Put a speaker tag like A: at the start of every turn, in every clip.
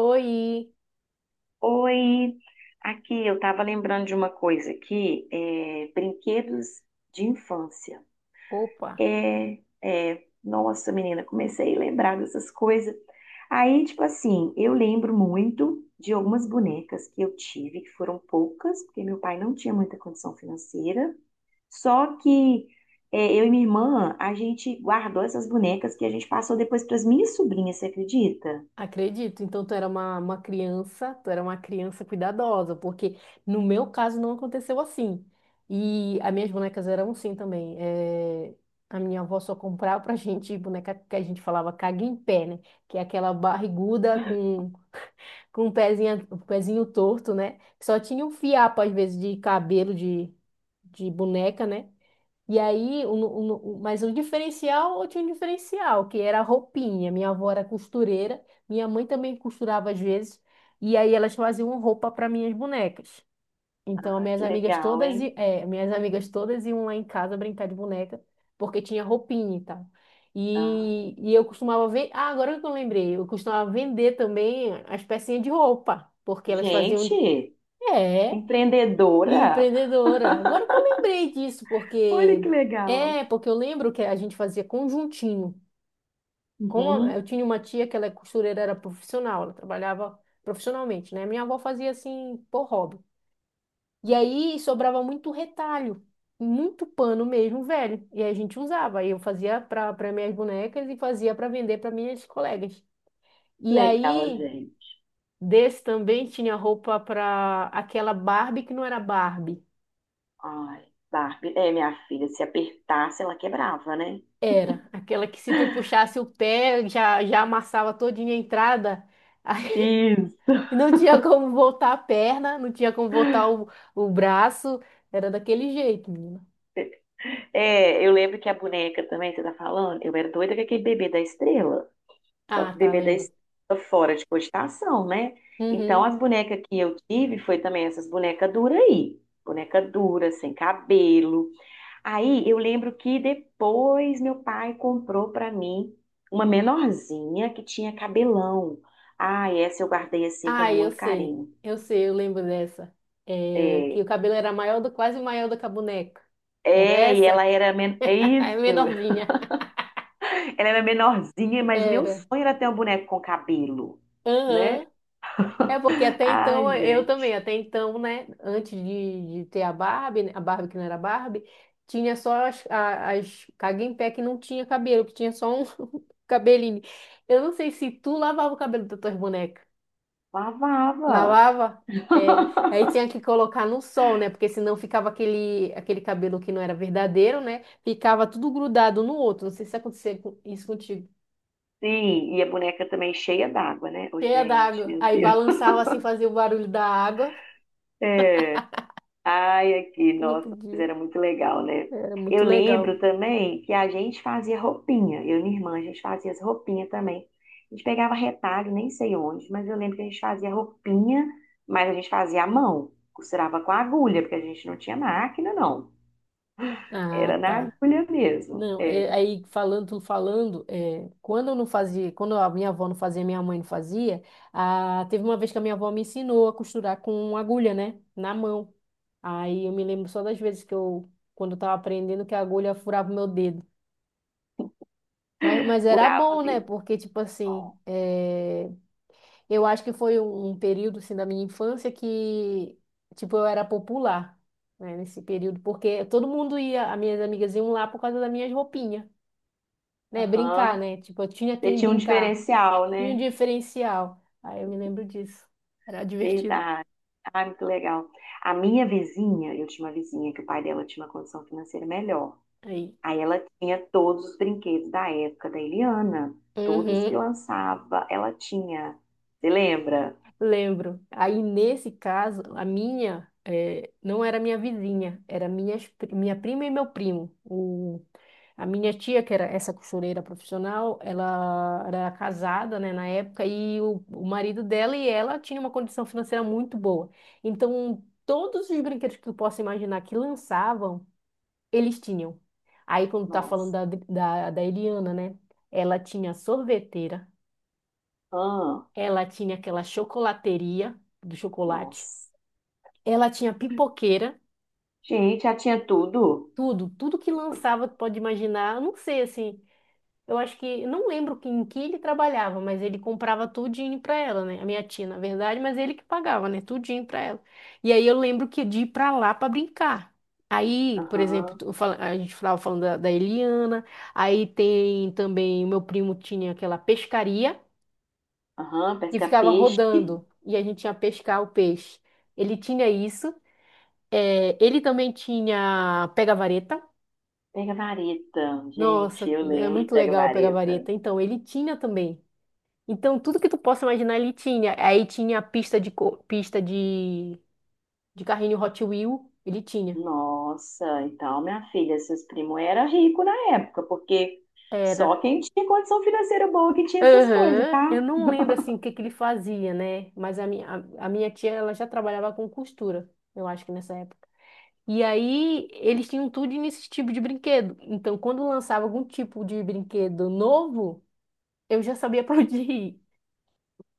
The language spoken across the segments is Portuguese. A: Oi!
B: Oi, aqui eu estava lembrando de uma coisa aqui, brinquedos de infância.
A: Opa!
B: É, nossa, menina, comecei a lembrar dessas coisas. Aí, tipo assim, eu lembro muito de algumas bonecas que eu tive, que foram poucas, porque meu pai não tinha muita condição financeira. Só que eu e minha irmã, a gente guardou essas bonecas que a gente passou depois para as minhas sobrinhas, você acredita?
A: Acredito. Então, tu era uma criança, tu era uma criança cuidadosa, porque no meu caso não aconteceu assim. E as minhas bonecas eram assim também. A minha avó só comprava pra gente boneca que a gente falava caga em pé, né? Que é aquela barriguda com um pezinho torto, né? Só tinha um fiapo, às vezes, de cabelo de boneca, né? E aí, o- mas o diferencial, eu tinha um diferencial, que era a roupinha. Minha avó era costureira, minha mãe também costurava às vezes, e aí elas faziam roupa para minhas bonecas. Então, as
B: Ah,
A: minhas
B: que
A: amigas
B: legal,
A: todas,
B: hein?
A: i- é, minhas amigas todas iam lá em casa brincar de boneca, porque tinha roupinha e tal.
B: Ah,
A: E eu costumava ver, ah, agora que eu lembrei, eu costumava vender também as pecinhas de roupa, porque elas faziam,
B: gente.
A: é. E
B: Empreendedora?
A: empreendedora. Agora que eu lembrei disso,
B: Olha
A: porque
B: que legal.
A: é, porque eu lembro que a gente fazia conjuntinho. Eu
B: Uhum.
A: tinha uma tia que ela é costureira, era profissional, ela trabalhava profissionalmente, né? Minha avó fazia assim por hobby. E aí sobrava muito retalho, muito pano mesmo, velho. E aí a gente usava. Aí eu fazia para minhas bonecas e fazia para vender para minhas colegas. E
B: Legal,
A: aí
B: gente.
A: desse também tinha roupa para aquela Barbie que não era Barbie.
B: Ai, Barbie. É, minha filha, se apertasse, ela quebrava, né?
A: Era, aquela que se tu puxasse o pé, já, já amassava todinha a entrada. Aí
B: Isso.
A: não tinha como voltar a perna, não tinha como voltar o braço. Era daquele jeito, menina.
B: É, eu lembro que a boneca também, você tá falando, eu era doida com aquele bebê da estrela. Só
A: Ah,
B: que
A: tá,
B: bebê da
A: lembro.
B: estrela fora de cogitação, né? Então,
A: Uhum.
B: as bonecas que eu tive foi também essas bonecas duras aí. Boneca dura, sem cabelo. Aí eu lembro que depois meu pai comprou pra mim uma menorzinha que tinha cabelão. Ah, essa eu guardei assim com
A: Ah, eu
B: muito
A: sei.
B: carinho.
A: Eu sei, eu lembro dessa. É,
B: É,
A: que o cabelo era maior do, quase maior do que a boneca. Era
B: e
A: essa?
B: ela era é
A: É
B: isso.
A: menorzinha.
B: Ela era menorzinha, mas meu
A: Era.
B: sonho era ter um boneco com cabelo, né?
A: Aham. É porque até então,
B: Ai,
A: eu também,
B: gente,
A: até então, né, antes de ter a Barbie, né, a Barbie que não era Barbie, tinha só as, as Cague em pé que não tinha cabelo, que tinha só um cabelinho. Eu não sei se tu lavava o cabelo das tuas bonecas.
B: lavava.
A: Lavava? É. Aí tinha que colocar no sol, né, porque senão ficava aquele, aquele cabelo que não era verdadeiro, né, ficava tudo grudado no outro. Não sei se acontecia isso contigo.
B: Sim, e a boneca também cheia d'água, né? Ô,
A: Cheia
B: gente,
A: d'água.
B: meu
A: Aí
B: Deus.
A: balançava assim, fazia o barulho da água,
B: Ai, aqui,
A: que não
B: nossa, mas
A: podia.
B: era muito legal, né?
A: Era muito
B: Eu
A: legal.
B: lembro também que a gente fazia roupinha, eu e minha irmã, a gente fazia as roupinhas também. A gente pegava retalho, nem sei onde, mas eu lembro que a gente fazia roupinha, mas a gente fazia à mão, costurava com agulha, porque a gente não tinha máquina, não.
A: Ah,
B: Era na
A: tá.
B: agulha mesmo,
A: Não,
B: é,
A: aí falando, falando, é, quando eu não fazia, quando a minha avó não fazia, minha mãe não fazia, ah, teve uma vez que a minha avó me ensinou a costurar com agulha, né, na mão. Aí eu me lembro só das vezes que eu, quando eu tava aprendendo, que a agulha furava o meu dedo. Mas era
B: furava
A: bom,
B: o
A: né,
B: dedo.
A: porque, tipo
B: Ó,
A: assim, é, eu acho que foi um período, assim, da minha infância que, tipo, eu era popular, né, nesse período, porque todo mundo ia, as minhas amigas iam lá por causa das minhas roupinhas. Né? Brincar,
B: aham.
A: né? Tipo, eu tinha
B: Você
A: quem
B: tinha um
A: brincar.
B: diferencial,
A: Tinha um
B: né?
A: diferencial. Aí eu me lembro disso. Era divertido.
B: Verdade. Ah, muito legal. A minha vizinha, eu tinha uma vizinha que o pai dela tinha uma condição financeira melhor.
A: Aí.
B: Aí ela tinha todos os brinquedos da época da Eliana, todos que
A: Uhum,
B: lançava, ela tinha. Você lembra?
A: lembro. Aí, nesse caso, a minha não era minha vizinha, era minha prima e meu primo. O, a minha tia, que era essa costureira profissional, ela era casada, né, na época, e o marido dela e ela tinha uma condição financeira muito boa. Então, todos os brinquedos que tu possa imaginar que lançavam, eles tinham. Aí, quando tá falando
B: Nossa.
A: da Eliana, né? Ela tinha sorveteira,
B: Ah,
A: ela tinha aquela chocolateria do chocolate,
B: nossa.
A: ela tinha pipoqueira,
B: Gente, já tinha tudo.
A: tudo, tudo que lançava, tu pode imaginar, eu não sei, assim, eu acho que, eu não lembro em que ele trabalhava, mas ele comprava tudinho pra ela, né? A minha tia, na verdade, mas ele que pagava, né? Tudinho pra ela. E aí eu lembro que de ir pra lá pra brincar. Aí, por exemplo,
B: Aham,
A: a gente estava falando da Eliana, aí tem também, o meu primo tinha aquela pescaria
B: aham,
A: que ficava
B: pesca-peixe.
A: rodando e a gente ia pescar o peixe. Ele tinha isso, é, ele também tinha pega-vareta.
B: Pega vareta, gente,
A: Nossa,
B: eu
A: é
B: lembro de
A: muito
B: pega
A: legal pegar
B: vareta.
A: vareta. Então, ele tinha também. Então, tudo que tu possa imaginar ele tinha. Aí tinha a pista de, pista de carrinho Hot Wheel, ele tinha.
B: Nossa, então minha filha, seus primos eram ricos na época, porque só
A: Era.
B: quem tinha condição financeira boa que tinha essas coisas,
A: Aham.
B: tá?
A: Eu não lembro, assim, o que que ele fazia, né? Mas a minha, a minha tia, ela já trabalhava com costura, eu acho que nessa época. E aí, eles tinham tudo nesse tipo de brinquedo. Então, quando lançava algum tipo de brinquedo novo, eu já sabia pra onde ir.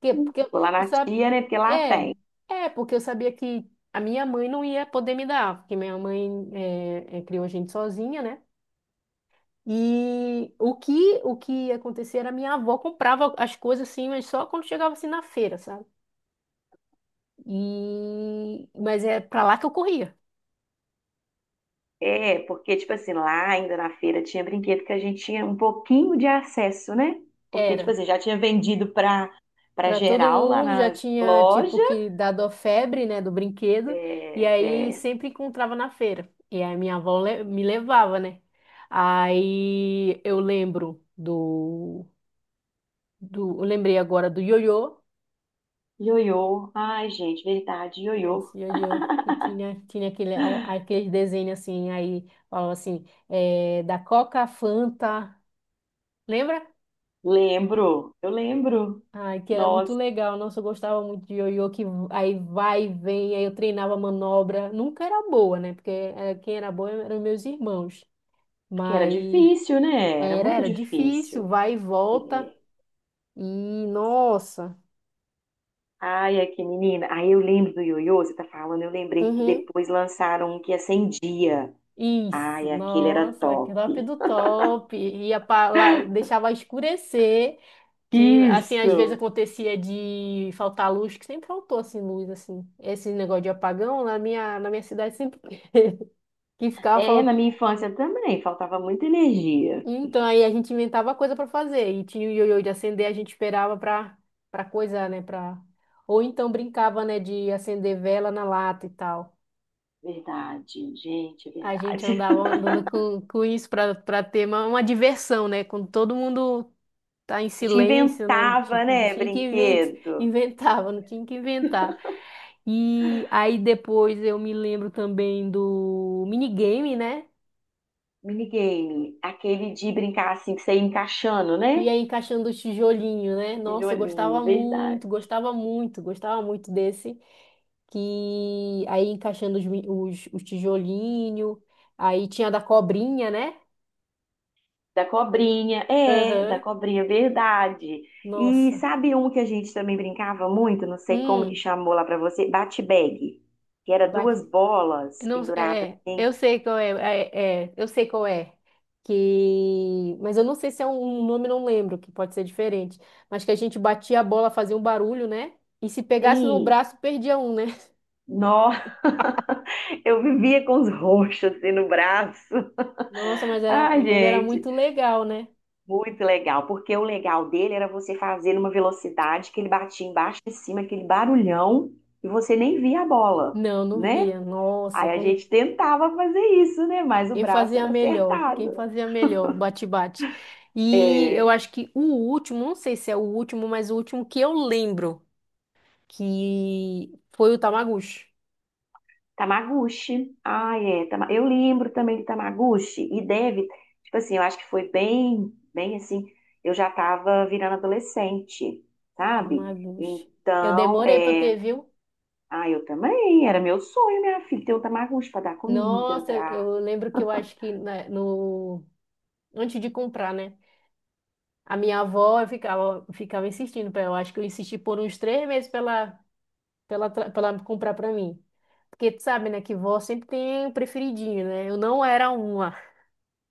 A: Porque
B: Vou lá
A: eu
B: na
A: sabe,
B: tia, né? Porque lá
A: é,
B: tem.
A: é porque eu sabia que a minha mãe não ia poder me dar, porque minha mãe é, é, criou a gente sozinha, né? E o que ia acontecer era minha avó comprava as coisas assim, mas só quando chegava assim na feira, sabe? E mas é pra lá que eu corria.
B: É, porque, tipo assim, lá ainda na feira tinha brinquedo que a gente tinha um pouquinho de acesso, né? Porque, tipo
A: Era.
B: assim, já tinha vendido pra, pra
A: Para todo
B: geral lá
A: mundo já
B: nas
A: tinha
B: lojas.
A: tipo que dado a febre, né, do brinquedo, e
B: É,
A: aí
B: é,
A: sempre encontrava na feira. E aí minha avó me levava, né? Aí eu lembro do, do, eu lembrei agora do ioiô.
B: ioiô. Ai, gente, verdade, ioiô.
A: Nossa, ioiô que tinha aquele aquele desenho assim, aí falava assim, é, da Coca Fanta, lembra?
B: Lembro, eu lembro.
A: Ai, que era muito
B: Nossa,
A: legal. Nossa, eu gostava muito de ioiô, que aí vai e vem, aí eu treinava manobra. Nunca era boa, né? Porque quem era boa eram meus irmãos.
B: porque era
A: Mas
B: difícil, né? Era
A: era,
B: muito
A: era difícil,
B: difícil.
A: vai e volta.
B: É.
A: E, nossa,
B: Ai, é que menina. Aí eu lembro do ioiô, você tá falando, eu lembrei que
A: uhum,
B: depois lançaram um que acendia.
A: isso,
B: Ai, aquele era
A: nossa, que
B: top.
A: top do top. Ia pra lá, deixava escurecer, que, assim, às vezes
B: Isso.
A: acontecia de faltar luz, que sempre faltou, assim, luz, assim. Esse negócio de apagão, na minha cidade sempre que
B: É,
A: ficava.
B: na minha infância também, faltava muita energia.
A: Então, aí a gente inventava coisa pra fazer. E tinha o ioiô de acender, a gente esperava pra, para coisar, né? Para... Ou então brincava, né, de acender vela na lata e tal.
B: Verdade, gente, é
A: A gente
B: verdade.
A: andava andando com isso pra, para ter uma diversão, né? Quando todo mundo tá em
B: A gente
A: silêncio, né?
B: inventava,
A: Não
B: né,
A: tinha que inventar,
B: brinquedo,
A: inventava, não tinha que inventar. E aí depois eu me lembro também do minigame, né?
B: minigame, aquele de brincar assim, que você ia encaixando, né?
A: Ia encaixando o tijolinho, né? Nossa, eu gostava
B: Tijolinho, verdade.
A: muito, gostava muito, gostava muito desse. Que aí encaixando os, os tijolinho. Aí tinha da cobrinha, né?
B: Da cobrinha, é, da
A: Aham.
B: cobrinha, verdade. E
A: Nossa.
B: sabe um que a gente também brincava muito, não sei como que
A: Hum,
B: chamou lá pra você, bate-bag, que era
A: ba-
B: duas bolas
A: não,
B: penduradas
A: é, eu
B: assim.
A: sei qual é, é, é, eu sei qual é. Que, mas eu não sei se é um, um nome, não lembro, que pode ser diferente. Mas que a gente batia a bola, fazia um barulho, né? E se pegasse no
B: Sim,
A: braço, perdia um, né?
B: nó, eu vivia com os roxos assim no braço.
A: Nossa,
B: Ai,
A: mas era
B: gente,
A: muito legal, né?
B: muito legal, porque o legal dele era você fazer numa velocidade que ele batia embaixo e em cima, aquele barulhão, e você nem via a bola,
A: Não, não
B: né?
A: via. Nossa,
B: Aí a
A: quando
B: gente tentava fazer isso, né? Mas o braço era acertado.
A: quem fazia melhor, bate-bate. E eu
B: É,
A: acho que o último, não sei se é o último, mas o último que eu lembro que foi o Tamagotchi.
B: Tamaguchi. Ah, é. Eu lembro também de Tamaguchi. E deve, tipo assim, eu acho que foi bem, bem assim. Eu já tava virando adolescente, sabe?
A: Tamagotchi. Eu
B: Então,
A: demorei para ter,
B: é.
A: viu?
B: Ah, eu também. Era meu sonho, minha filha, ter um Tamaguchi pra dar comida,
A: Nossa,
B: pra.
A: eu lembro que eu acho que no antes de comprar, né? A minha avó eu ficava insistindo para ela. Eu acho que eu insisti por uns 3 meses para ela pra ela comprar pra mim. Porque tu sabe, né, que vó sempre tem um preferidinho, né? Eu não era uma.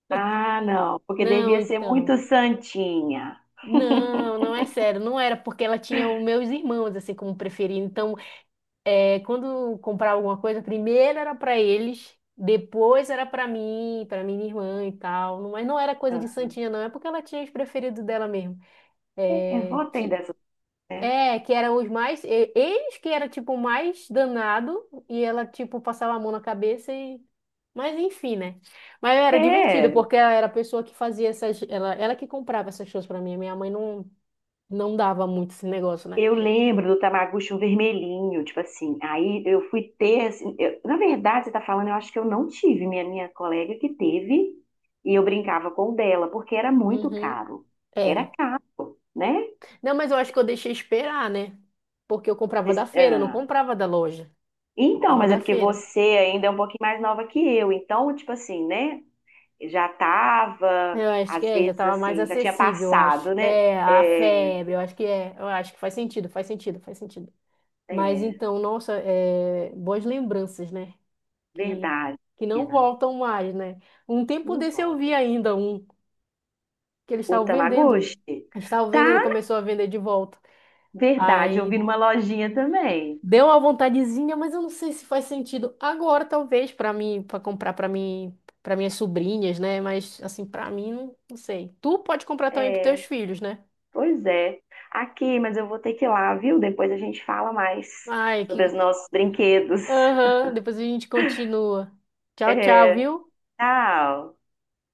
B: Ah, não. Porque
A: Não,
B: devia ser
A: então.
B: muito santinha.
A: Não, não é sério, não era porque ela tinha os meus irmãos assim como preferido. Então, é, quando comprava alguma coisa, primeiro era pra eles, depois era pra mim, pra minha irmã e tal. Mas não era coisa de santinha, não, é porque ela tinha os preferidos dela mesmo.
B: É,
A: É,
B: vou ter
A: que
B: dessas, né?
A: é, que eram os mais. Eles que era tipo o mais danado e ela tipo passava a mão na cabeça e. Mas enfim, né? Mas era divertido
B: É.
A: porque ela era a pessoa que fazia essas. Ela que comprava essas coisas pra mim. Minha mãe não, não dava muito esse negócio, né?
B: Eu lembro do Tamagotchi um vermelhinho, tipo assim. Aí eu fui ter, assim, na verdade, você tá falando, eu acho que eu não tive, minha colega que teve, e eu brincava com o dela, porque era muito
A: Uhum.
B: caro. Era
A: Era.
B: caro, né?
A: Não, mas eu acho que eu deixei esperar, né? Porque eu comprava da
B: Vocês-
A: feira, eu não
B: ah,
A: comprava da loja.
B: Então,
A: Comprava
B: mas é
A: da
B: porque
A: feira.
B: você ainda é um pouquinho mais nova que eu, então, tipo assim, né? Já tava,
A: Eu acho que
B: às
A: é, já
B: vezes,
A: tava mais
B: assim, já tinha
A: acessível, eu acho.
B: passado, né?
A: É, a
B: É,
A: febre, eu acho que é. Eu acho que faz sentido, faz sentido, faz sentido. Mas
B: é
A: então, nossa, é, boas lembranças, né? Que,
B: verdade,
A: que não
B: pena.
A: voltam mais, né? Um tempo
B: Não
A: desse eu vi
B: volta.
A: ainda um que eles
B: O
A: estavam vendendo.
B: Tamagotchi?
A: Eles estavam vendendo,
B: Tá,
A: começou a vender de volta.
B: verdade, eu
A: Aí
B: vi numa lojinha também.
A: deu uma vontadezinha, mas eu não sei se faz sentido agora, talvez, para mim, para comprar para mim, para minhas sobrinhas, né? Mas assim, para mim, não, não sei. Tu pode comprar também para teus
B: É,
A: filhos, né?
B: pois é. Aqui, mas eu vou ter que ir lá, viu? Depois a gente fala mais
A: Ai, que.
B: sobre os nossos brinquedos.
A: Aham, depois a gente continua. Tchau, tchau,
B: É,
A: viu?
B: tchau.